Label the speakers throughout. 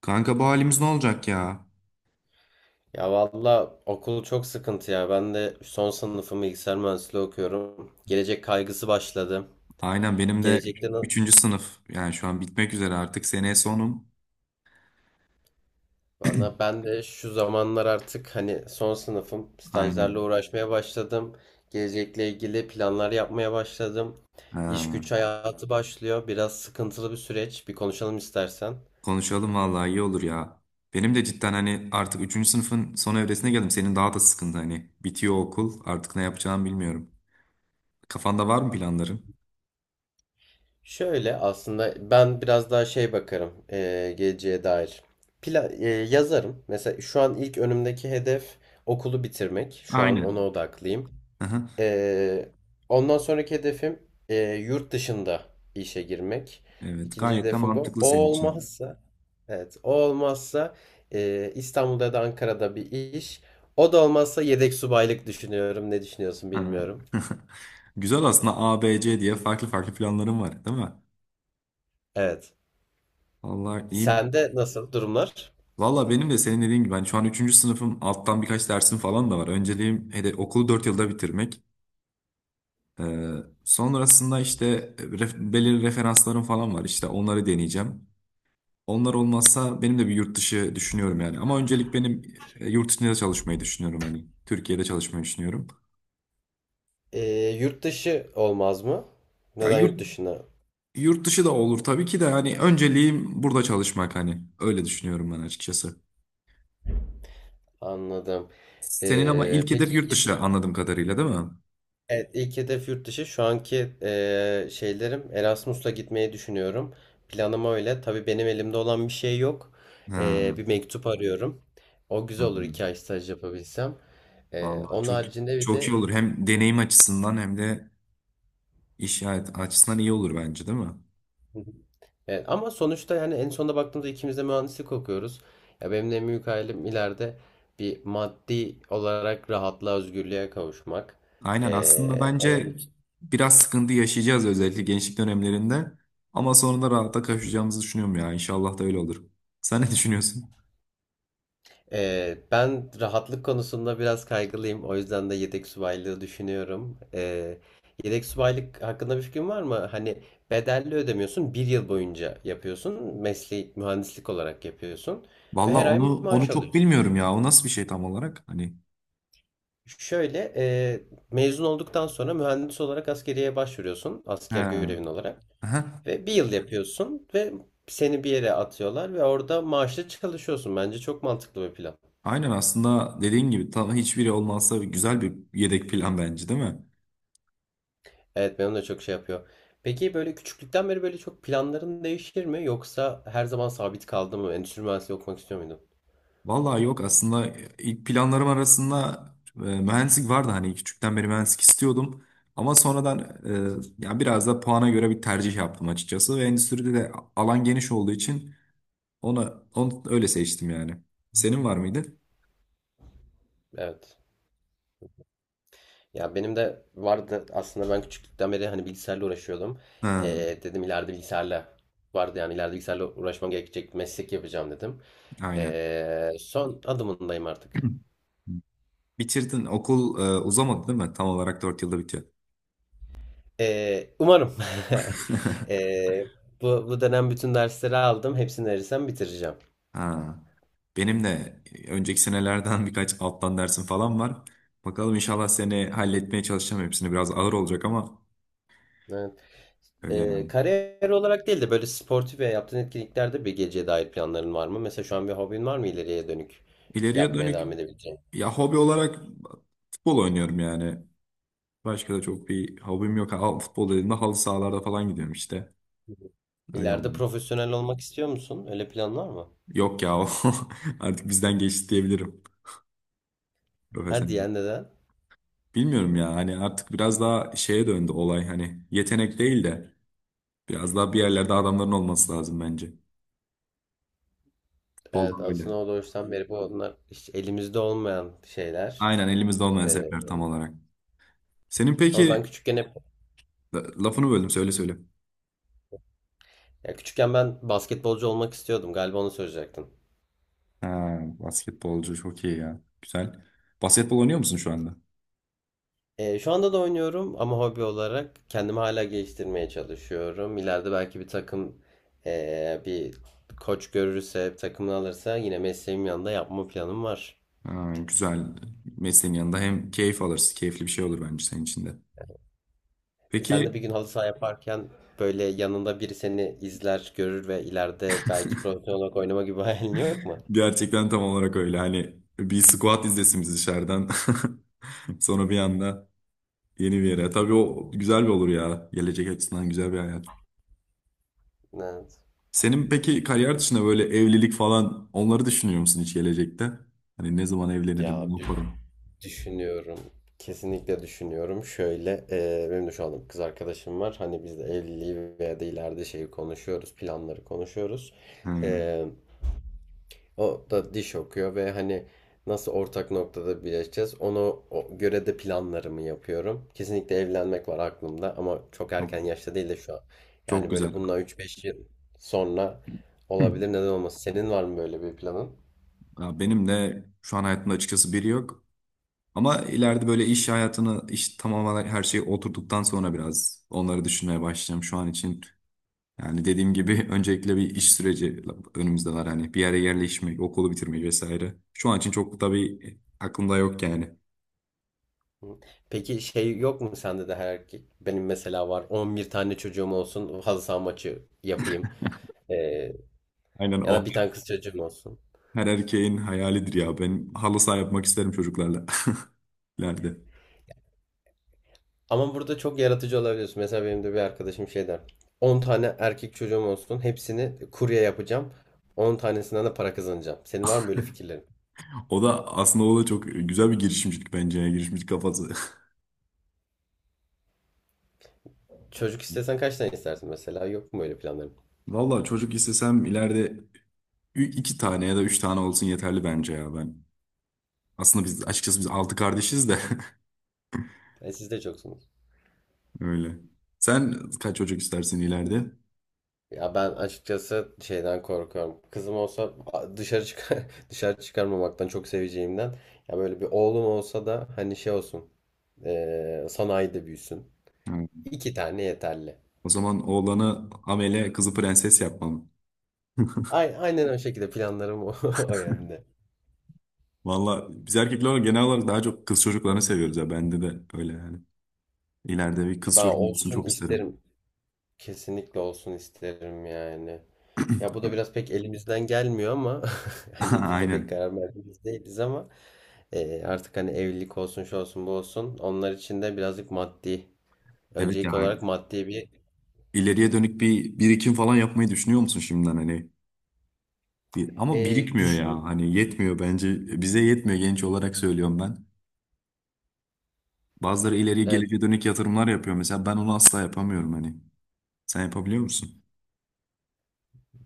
Speaker 1: Kanka bu halimiz ne olacak ya?
Speaker 2: Ya valla okul çok sıkıntı ya. Ben de son sınıfım, bilgisayar mühendisliği okuyorum. Gelecek kaygısı başladı.
Speaker 1: Aynen benim de
Speaker 2: Gelecekte na-
Speaker 1: üçüncü sınıf. Yani şu an bitmek üzere artık. Seneye sonum.
Speaker 2: bana Ben de şu zamanlar artık hani son sınıfım, stajlarla
Speaker 1: Aynen.
Speaker 2: uğraşmaya başladım. Gelecekle ilgili planlar yapmaya başladım. İş
Speaker 1: Ha.
Speaker 2: güç hayatı başlıyor. Biraz sıkıntılı bir süreç. Bir konuşalım istersen.
Speaker 1: Konuşalım vallahi iyi olur ya. Benim de cidden hani artık üçüncü sınıfın son evresine geldim. Senin daha da sıkıntı hani. Bitiyor okul. Artık ne yapacağımı bilmiyorum. Kafanda var mı planların?
Speaker 2: Şöyle, aslında ben biraz daha bakarım geleceğe dair plan yazarım. Mesela şu an ilk önümdeki hedef okulu bitirmek. Şu an ona
Speaker 1: Aynen.
Speaker 2: odaklıyım.
Speaker 1: Aha.
Speaker 2: Eee, Ondan sonraki hedefim yurt dışında işe girmek.
Speaker 1: Evet,
Speaker 2: İkinci
Speaker 1: gayet de
Speaker 2: hedefim bu.
Speaker 1: mantıklı
Speaker 2: O
Speaker 1: senin için.
Speaker 2: olmazsa, evet, o olmazsa İstanbul'da ya da Ankara'da bir iş. O da olmazsa yedek subaylık düşünüyorum. Ne düşünüyorsun
Speaker 1: Ha.
Speaker 2: bilmiyorum.
Speaker 1: Güzel, aslında A, B, C diye farklı farklı planların var, değil mi?
Speaker 2: Evet.
Speaker 1: Vallahi iyi mi?
Speaker 2: Sende nasıl durumlar?
Speaker 1: Valla benim de senin dediğin gibi ben şu an üçüncü sınıfım, alttan birkaç dersim falan da var. Önceliğim hedef okulu 4 yılda bitirmek. Ee, Sonrasında işte belirli referanslarım falan var, işte onları deneyeceğim. Onlar olmazsa benim de bir yurt dışı düşünüyorum yani. Ama öncelik benim, yurt dışında çalışmayı düşünüyorum hani. Türkiye'de çalışmayı düşünüyorum.
Speaker 2: Ee, Yurt dışı olmaz mı?
Speaker 1: Ya
Speaker 2: Neden yurt
Speaker 1: yurt,
Speaker 2: dışına?
Speaker 1: yurt dışı da olur tabii ki de, hani önceliğim burada çalışmak hani. Öyle düşünüyorum ben açıkçası.
Speaker 2: Anladım.
Speaker 1: Senin ama
Speaker 2: Ee,
Speaker 1: ilk hedef
Speaker 2: peki
Speaker 1: yurt
Speaker 2: y-
Speaker 1: dışı, anladığım kadarıyla, değil mi?
Speaker 2: evet, ilk hedef yurt dışı. Şu anki e, şeylerim Erasmus'la gitmeyi düşünüyorum. Planım öyle. Tabii benim elimde olan bir şey yok.
Speaker 1: Ha,
Speaker 2: Bir mektup arıyorum. O
Speaker 1: ha.
Speaker 2: güzel olur, iki ay staj yapabilsem.
Speaker 1: Vallahi
Speaker 2: Onun
Speaker 1: çok
Speaker 2: haricinde bir
Speaker 1: çok iyi
Speaker 2: de
Speaker 1: olur. Hem deneyim açısından hem de iş hayat açısından iyi olur bence, değil mi?
Speaker 2: evet, ama sonuçta yani en sonunda baktığımızda ikimiz de mühendislik okuyoruz. Ya benim de en büyük hayalim, ileride bir maddi olarak rahatlığa, özgürlüğe kavuşmak.
Speaker 1: Aynen, aslında
Speaker 2: Ee,
Speaker 1: bence
Speaker 2: onun,
Speaker 1: biraz sıkıntı yaşayacağız özellikle gençlik dönemlerinde, ama sonra da rahata kavuşacağımızı düşünüyorum ya. İnşallah da öyle olur. Sen ne düşünüyorsun?
Speaker 2: Ben rahatlık konusunda biraz kaygılıyım. O yüzden de yedek subaylığı düşünüyorum. Yedek subaylık hakkında bir fikrin var mı? Hani bedelli ödemiyorsun, bir yıl boyunca yapıyorsun. Mesleği mühendislik olarak yapıyorsun. Ve
Speaker 1: Vallahi
Speaker 2: her ay
Speaker 1: onu
Speaker 2: maaş
Speaker 1: çok
Speaker 2: alıyorsun.
Speaker 1: bilmiyorum ya. O nasıl bir şey tam olarak? Hani
Speaker 2: Şöyle, mezun olduktan sonra mühendis olarak askeriye başvuruyorsun,
Speaker 1: he.
Speaker 2: asker görevin olarak,
Speaker 1: Aha.
Speaker 2: ve bir yıl yapıyorsun ve seni bir yere atıyorlar ve orada maaşlı çalışıyorsun. Bence çok mantıklı bir plan.
Speaker 1: Aynen, aslında dediğin gibi tam hiçbiri olmazsa güzel bir yedek plan bence, değil mi?
Speaker 2: Evet, benim de çok şey yapıyor. Peki böyle küçüklükten beri böyle çok planların değişir mi, yoksa her zaman sabit kaldı mı? Endüstri mühendisliği okumak istiyor muydun?
Speaker 1: Vallahi yok, aslında ilk planlarım arasında mühendislik vardı, hani küçükten beri mühendislik istiyordum. Ama sonradan ya biraz da puana göre bir tercih yaptım açıkçası ve endüstride de alan geniş olduğu için onu öyle seçtim yani. Senin var mıydı?
Speaker 2: Evet. Ya benim de vardı aslında, ben küçüklükten beri hani bilgisayarla uğraşıyordum.
Speaker 1: Ha,
Speaker 2: E, Dedim, ileride bilgisayarla vardı yani, ileride bilgisayarla uğraşmam gerekecek, meslek yapacağım dedim.
Speaker 1: aynen.
Speaker 2: Son adımındayım artık.
Speaker 1: Bitirdin, okul uzamadı değil mi? Tam olarak 4 yılda bitiyor.
Speaker 2: Umarım. Ee, bu dönem bütün dersleri aldım. Hepsini verirsem bitireceğim.
Speaker 1: Ha. Benim de önceki senelerden birkaç alttan dersim falan var. Bakalım, inşallah seni halletmeye çalışacağım. Hepsini biraz ağır olacak ama
Speaker 2: Evet.
Speaker 1: öyle yani.
Speaker 2: Kariyer olarak değil de böyle sportif veya yaptığın etkinliklerde bir geceye dair planların var mı? Mesela şu an bir hobin var mı, ileriye dönük
Speaker 1: İleriye
Speaker 2: yapmaya
Speaker 1: dönük
Speaker 2: devam edebileceğin?
Speaker 1: ya, hobi olarak futbol oynuyorum yani. Başka da çok bir hobim yok. Al, futbol dediğimde halı sahalarda falan gidiyorum işte. Öyle
Speaker 2: İleride
Speaker 1: oldu.
Speaker 2: profesyonel olmak istiyor musun? Öyle planın var mı?
Speaker 1: Yok ya, o artık bizden geçti diyebilirim.
Speaker 2: Hadi
Speaker 1: Profesyonel.
Speaker 2: ya, neden?
Speaker 1: Bilmiyorum ya, hani artık biraz daha şeye döndü olay, hani yetenek değil de biraz daha bir yerlerde adamların olması lazım bence.
Speaker 2: Evet,
Speaker 1: Futbolda böyle.
Speaker 2: aslında o doğuştan beri bu, onlar hiç elimizde olmayan şeyler.
Speaker 1: Aynen, elimizde olmayan
Speaker 2: Ee,
Speaker 1: zevkler tam olarak. Senin
Speaker 2: Ama
Speaker 1: peki
Speaker 2: ben küçükken hep,
Speaker 1: lafını böldüm, söyle söyle.
Speaker 2: ya küçükken ben basketbolcu olmak istiyordum. Galiba onu söyleyecektin.
Speaker 1: Ha, basketbolcu çok iyi ya. Güzel. Basketbol oynuyor musun şu anda?
Speaker 2: Şu anda da oynuyorum ama hobi olarak kendimi hala geliştirmeye çalışıyorum. İleride belki bir takım, bir koç görürse, takımını alırsa, yine mesleğim yanında yapma planım var.
Speaker 1: Ha, güzel. Mesleğin yanında hem keyif alırsın. Keyifli bir şey olur bence senin için de.
Speaker 2: Sen de
Speaker 1: Peki,
Speaker 2: bir gün halı saha yaparken böyle yanında biri seni izler, görür ve ileride belki profesyonel olarak oynama gibi bir hayalin yok mu?
Speaker 1: gerçekten tam olarak öyle. Hani bir squat izlesin biz dışarıdan. Sonra bir anda yeni bir yere. Tabii o güzel bir olur ya. Gelecek açısından güzel bir hayat.
Speaker 2: Evet.
Speaker 1: Senin peki kariyer dışında böyle evlilik falan, onları düşünüyor musun hiç gelecekte? Hani ne zaman evlenirim,
Speaker 2: Ya
Speaker 1: ne yaparım?
Speaker 2: Düşünüyorum. Kesinlikle düşünüyorum. Şöyle, benim de şu anda bir kız arkadaşım var. Hani biz de evliliği veya da ileride şeyi konuşuyoruz. Planları konuşuyoruz.
Speaker 1: Hmm,
Speaker 2: E, O da diş okuyor ve hani nasıl ortak noktada birleşeceğiz. Göre de planlarımı yapıyorum. Kesinlikle evlenmek var aklımda, ama çok
Speaker 1: Çok
Speaker 2: erken yaşta değil de şu an.
Speaker 1: çok
Speaker 2: Yani
Speaker 1: güzel.
Speaker 2: böyle bundan 3-5 yıl sonra
Speaker 1: Hı.
Speaker 2: olabilir. Neden olmasın? Senin var mı böyle bir planın?
Speaker 1: Ya benim de şu an hayatımda açıkçası biri yok. Ama ileride böyle iş hayatını, iş tamamen her şeyi oturduktan sonra biraz onları düşünmeye başlayacağım şu an için. Yani dediğim gibi öncelikle bir iş süreci önümüzde var. Hani bir yere yerleşmek, okulu bitirmek vesaire. Şu an için çok tabii aklımda yok yani.
Speaker 2: Peki şey yok mu sende de, her erkek? Benim mesela var, 11 tane çocuğum olsun, halı saha maçı yapayım. Ee,
Speaker 1: Aynen
Speaker 2: Ya da
Speaker 1: o.
Speaker 2: bir tane kız çocuğum olsun.
Speaker 1: Her erkeğin hayalidir ya. Ben halı saha yapmak isterim çocuklarla. ileride.
Speaker 2: Ama burada çok yaratıcı olabiliyorsun. Mesela benim de bir arkadaşım şey der. 10 tane erkek çocuğum olsun, hepsini kurye yapacağım. 10 tanesinden de para kazanacağım. Senin var mı böyle fikirlerin?
Speaker 1: O da, aslında o da çok güzel bir girişimcilik bence ya. Girişimcilik kafası.
Speaker 2: Çocuk istesen kaç tane istersin mesela? Yok mu öyle planların?
Speaker 1: Valla çocuk istesem ileride iki tane ya da üç tane olsun, yeterli bence ya ben. Aslında açıkçası biz altı kardeşiz de
Speaker 2: Siz de çoksunuz.
Speaker 1: öyle. Sen kaç çocuk istersin ileride?
Speaker 2: Ya ben açıkçası şeyden korkuyorum. Kızım olsa, dışarı çıkar dışarı çıkarmamaktan, çok seveceğimden. Ya böyle bir oğlum olsa da hani şey olsun, sanayide büyüsün.
Speaker 1: Evet.
Speaker 2: İki tane yeterli.
Speaker 1: O zaman oğlanı amele, kızı prenses yapmam.
Speaker 2: Aynen o şekilde planlarım, o yönde.
Speaker 1: Valla biz erkekler olarak genel olarak daha çok kız çocuklarını seviyoruz ya. Bende de öyle yani. İleride bir kız
Speaker 2: Ben
Speaker 1: çocuğum olsun
Speaker 2: olsun
Speaker 1: çok isterim.
Speaker 2: isterim. Kesinlikle olsun isterim yani. Ya bu da biraz pek elimizden gelmiyor ama hani burada pek
Speaker 1: Aynen.
Speaker 2: karar verdiğimiz değiliz, ama artık hani evlilik olsun, şu olsun, bu olsun, onlar için de birazcık maddi,
Speaker 1: Evet ya.
Speaker 2: öncelik olarak maddi bir
Speaker 1: İleriye dönük bir birikim falan yapmayı düşünüyor musun şimdiden, hani? Bir, ama birikmiyor ya.
Speaker 2: düşün.
Speaker 1: Hani yetmiyor bence. Bize yetmiyor, genç olarak söylüyorum ben. Bazıları ileriye,
Speaker 2: Evet,
Speaker 1: geleceğe dönük yatırımlar yapıyor mesela. Ben onu asla yapamıyorum hani. Sen yapabiliyor musun?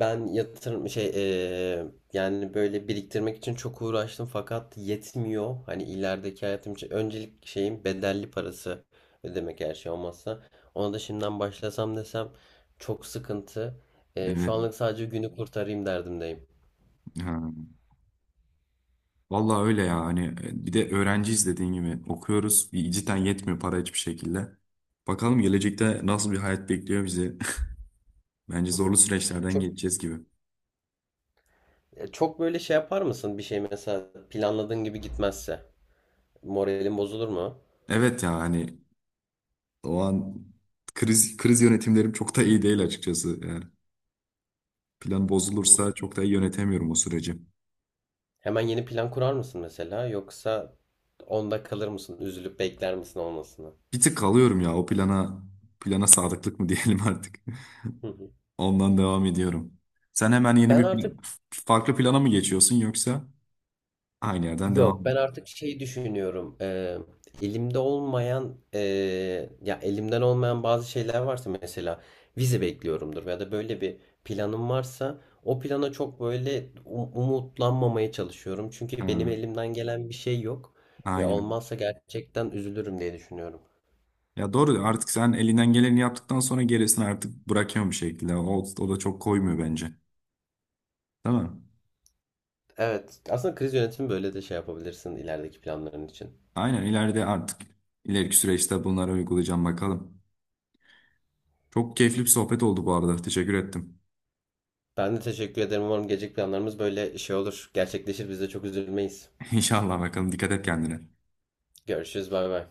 Speaker 2: ben yatırım şey e, yani böyle biriktirmek için çok uğraştım fakat yetmiyor. Hani ilerideki hayatım için öncelik şeyim, bedelli parası ödemek, her şey olmazsa. Ona da şimdiden başlasam desem çok sıkıntı. Şu
Speaker 1: Evet.
Speaker 2: anlık sadece günü kurtarayım derdimdeyim.
Speaker 1: Ha. Vallahi öyle ya. Hani bir de öğrenciyiz, dediğin gibi okuyoruz. Bir cidden yetmiyor para hiçbir şekilde. Bakalım gelecekte nasıl bir hayat bekliyor bizi. Bence zorlu süreçlerden
Speaker 2: Çok
Speaker 1: geçeceğiz gibi.
Speaker 2: çok böyle şey yapar mısın, bir şey mesela planladığın gibi gitmezse? Moralin bozulur mu?
Speaker 1: Evet ya, hani o an kriz yönetimlerim çok da iyi değil açıkçası. Yani plan bozulursa çok da iyi yönetemiyorum o süreci.
Speaker 2: Hemen yeni plan kurar mısın mesela, yoksa onda kalır mısın, üzülüp bekler misin olmasını?
Speaker 1: Bir tık kalıyorum ya o plana, plana sadıklık mı diyelim artık.
Speaker 2: Hı hı.
Speaker 1: Ondan devam ediyorum. Sen hemen yeni
Speaker 2: Ben
Speaker 1: bir
Speaker 2: artık
Speaker 1: farklı plana mı geçiyorsun, yoksa aynı yerden devam
Speaker 2: yok, ben
Speaker 1: mı?
Speaker 2: artık şeyi düşünüyorum. Elimde olmayan, ya elimden olmayan bazı şeyler varsa, mesela vize bekliyorumdur ya da böyle bir planım varsa, o plana çok böyle umutlanmamaya çalışıyorum. Çünkü benim
Speaker 1: Ha,
Speaker 2: elimden gelen bir şey yok ve
Speaker 1: aynen.
Speaker 2: olmazsa gerçekten üzülürüm diye düşünüyorum.
Speaker 1: Ya doğru, artık sen elinden geleni yaptıktan sonra gerisini artık bırakıyorsun bir şekilde. O da çok koymuyor bence. Değil mi?
Speaker 2: Evet, aslında kriz yönetimi böyle de şey yapabilirsin ilerideki planların için.
Speaker 1: Aynen, ileride artık ileriki süreçte bunları uygulayacağım, bakalım. Çok keyifli bir sohbet oldu bu arada. Teşekkür ettim.
Speaker 2: Ben de teşekkür ederim. Umarım gelecek planlarımız böyle şey olur. Gerçekleşir. Biz de çok üzülmeyiz.
Speaker 1: İnşallah, bakalım. Dikkat et kendine.
Speaker 2: Görüşürüz. Bay bay.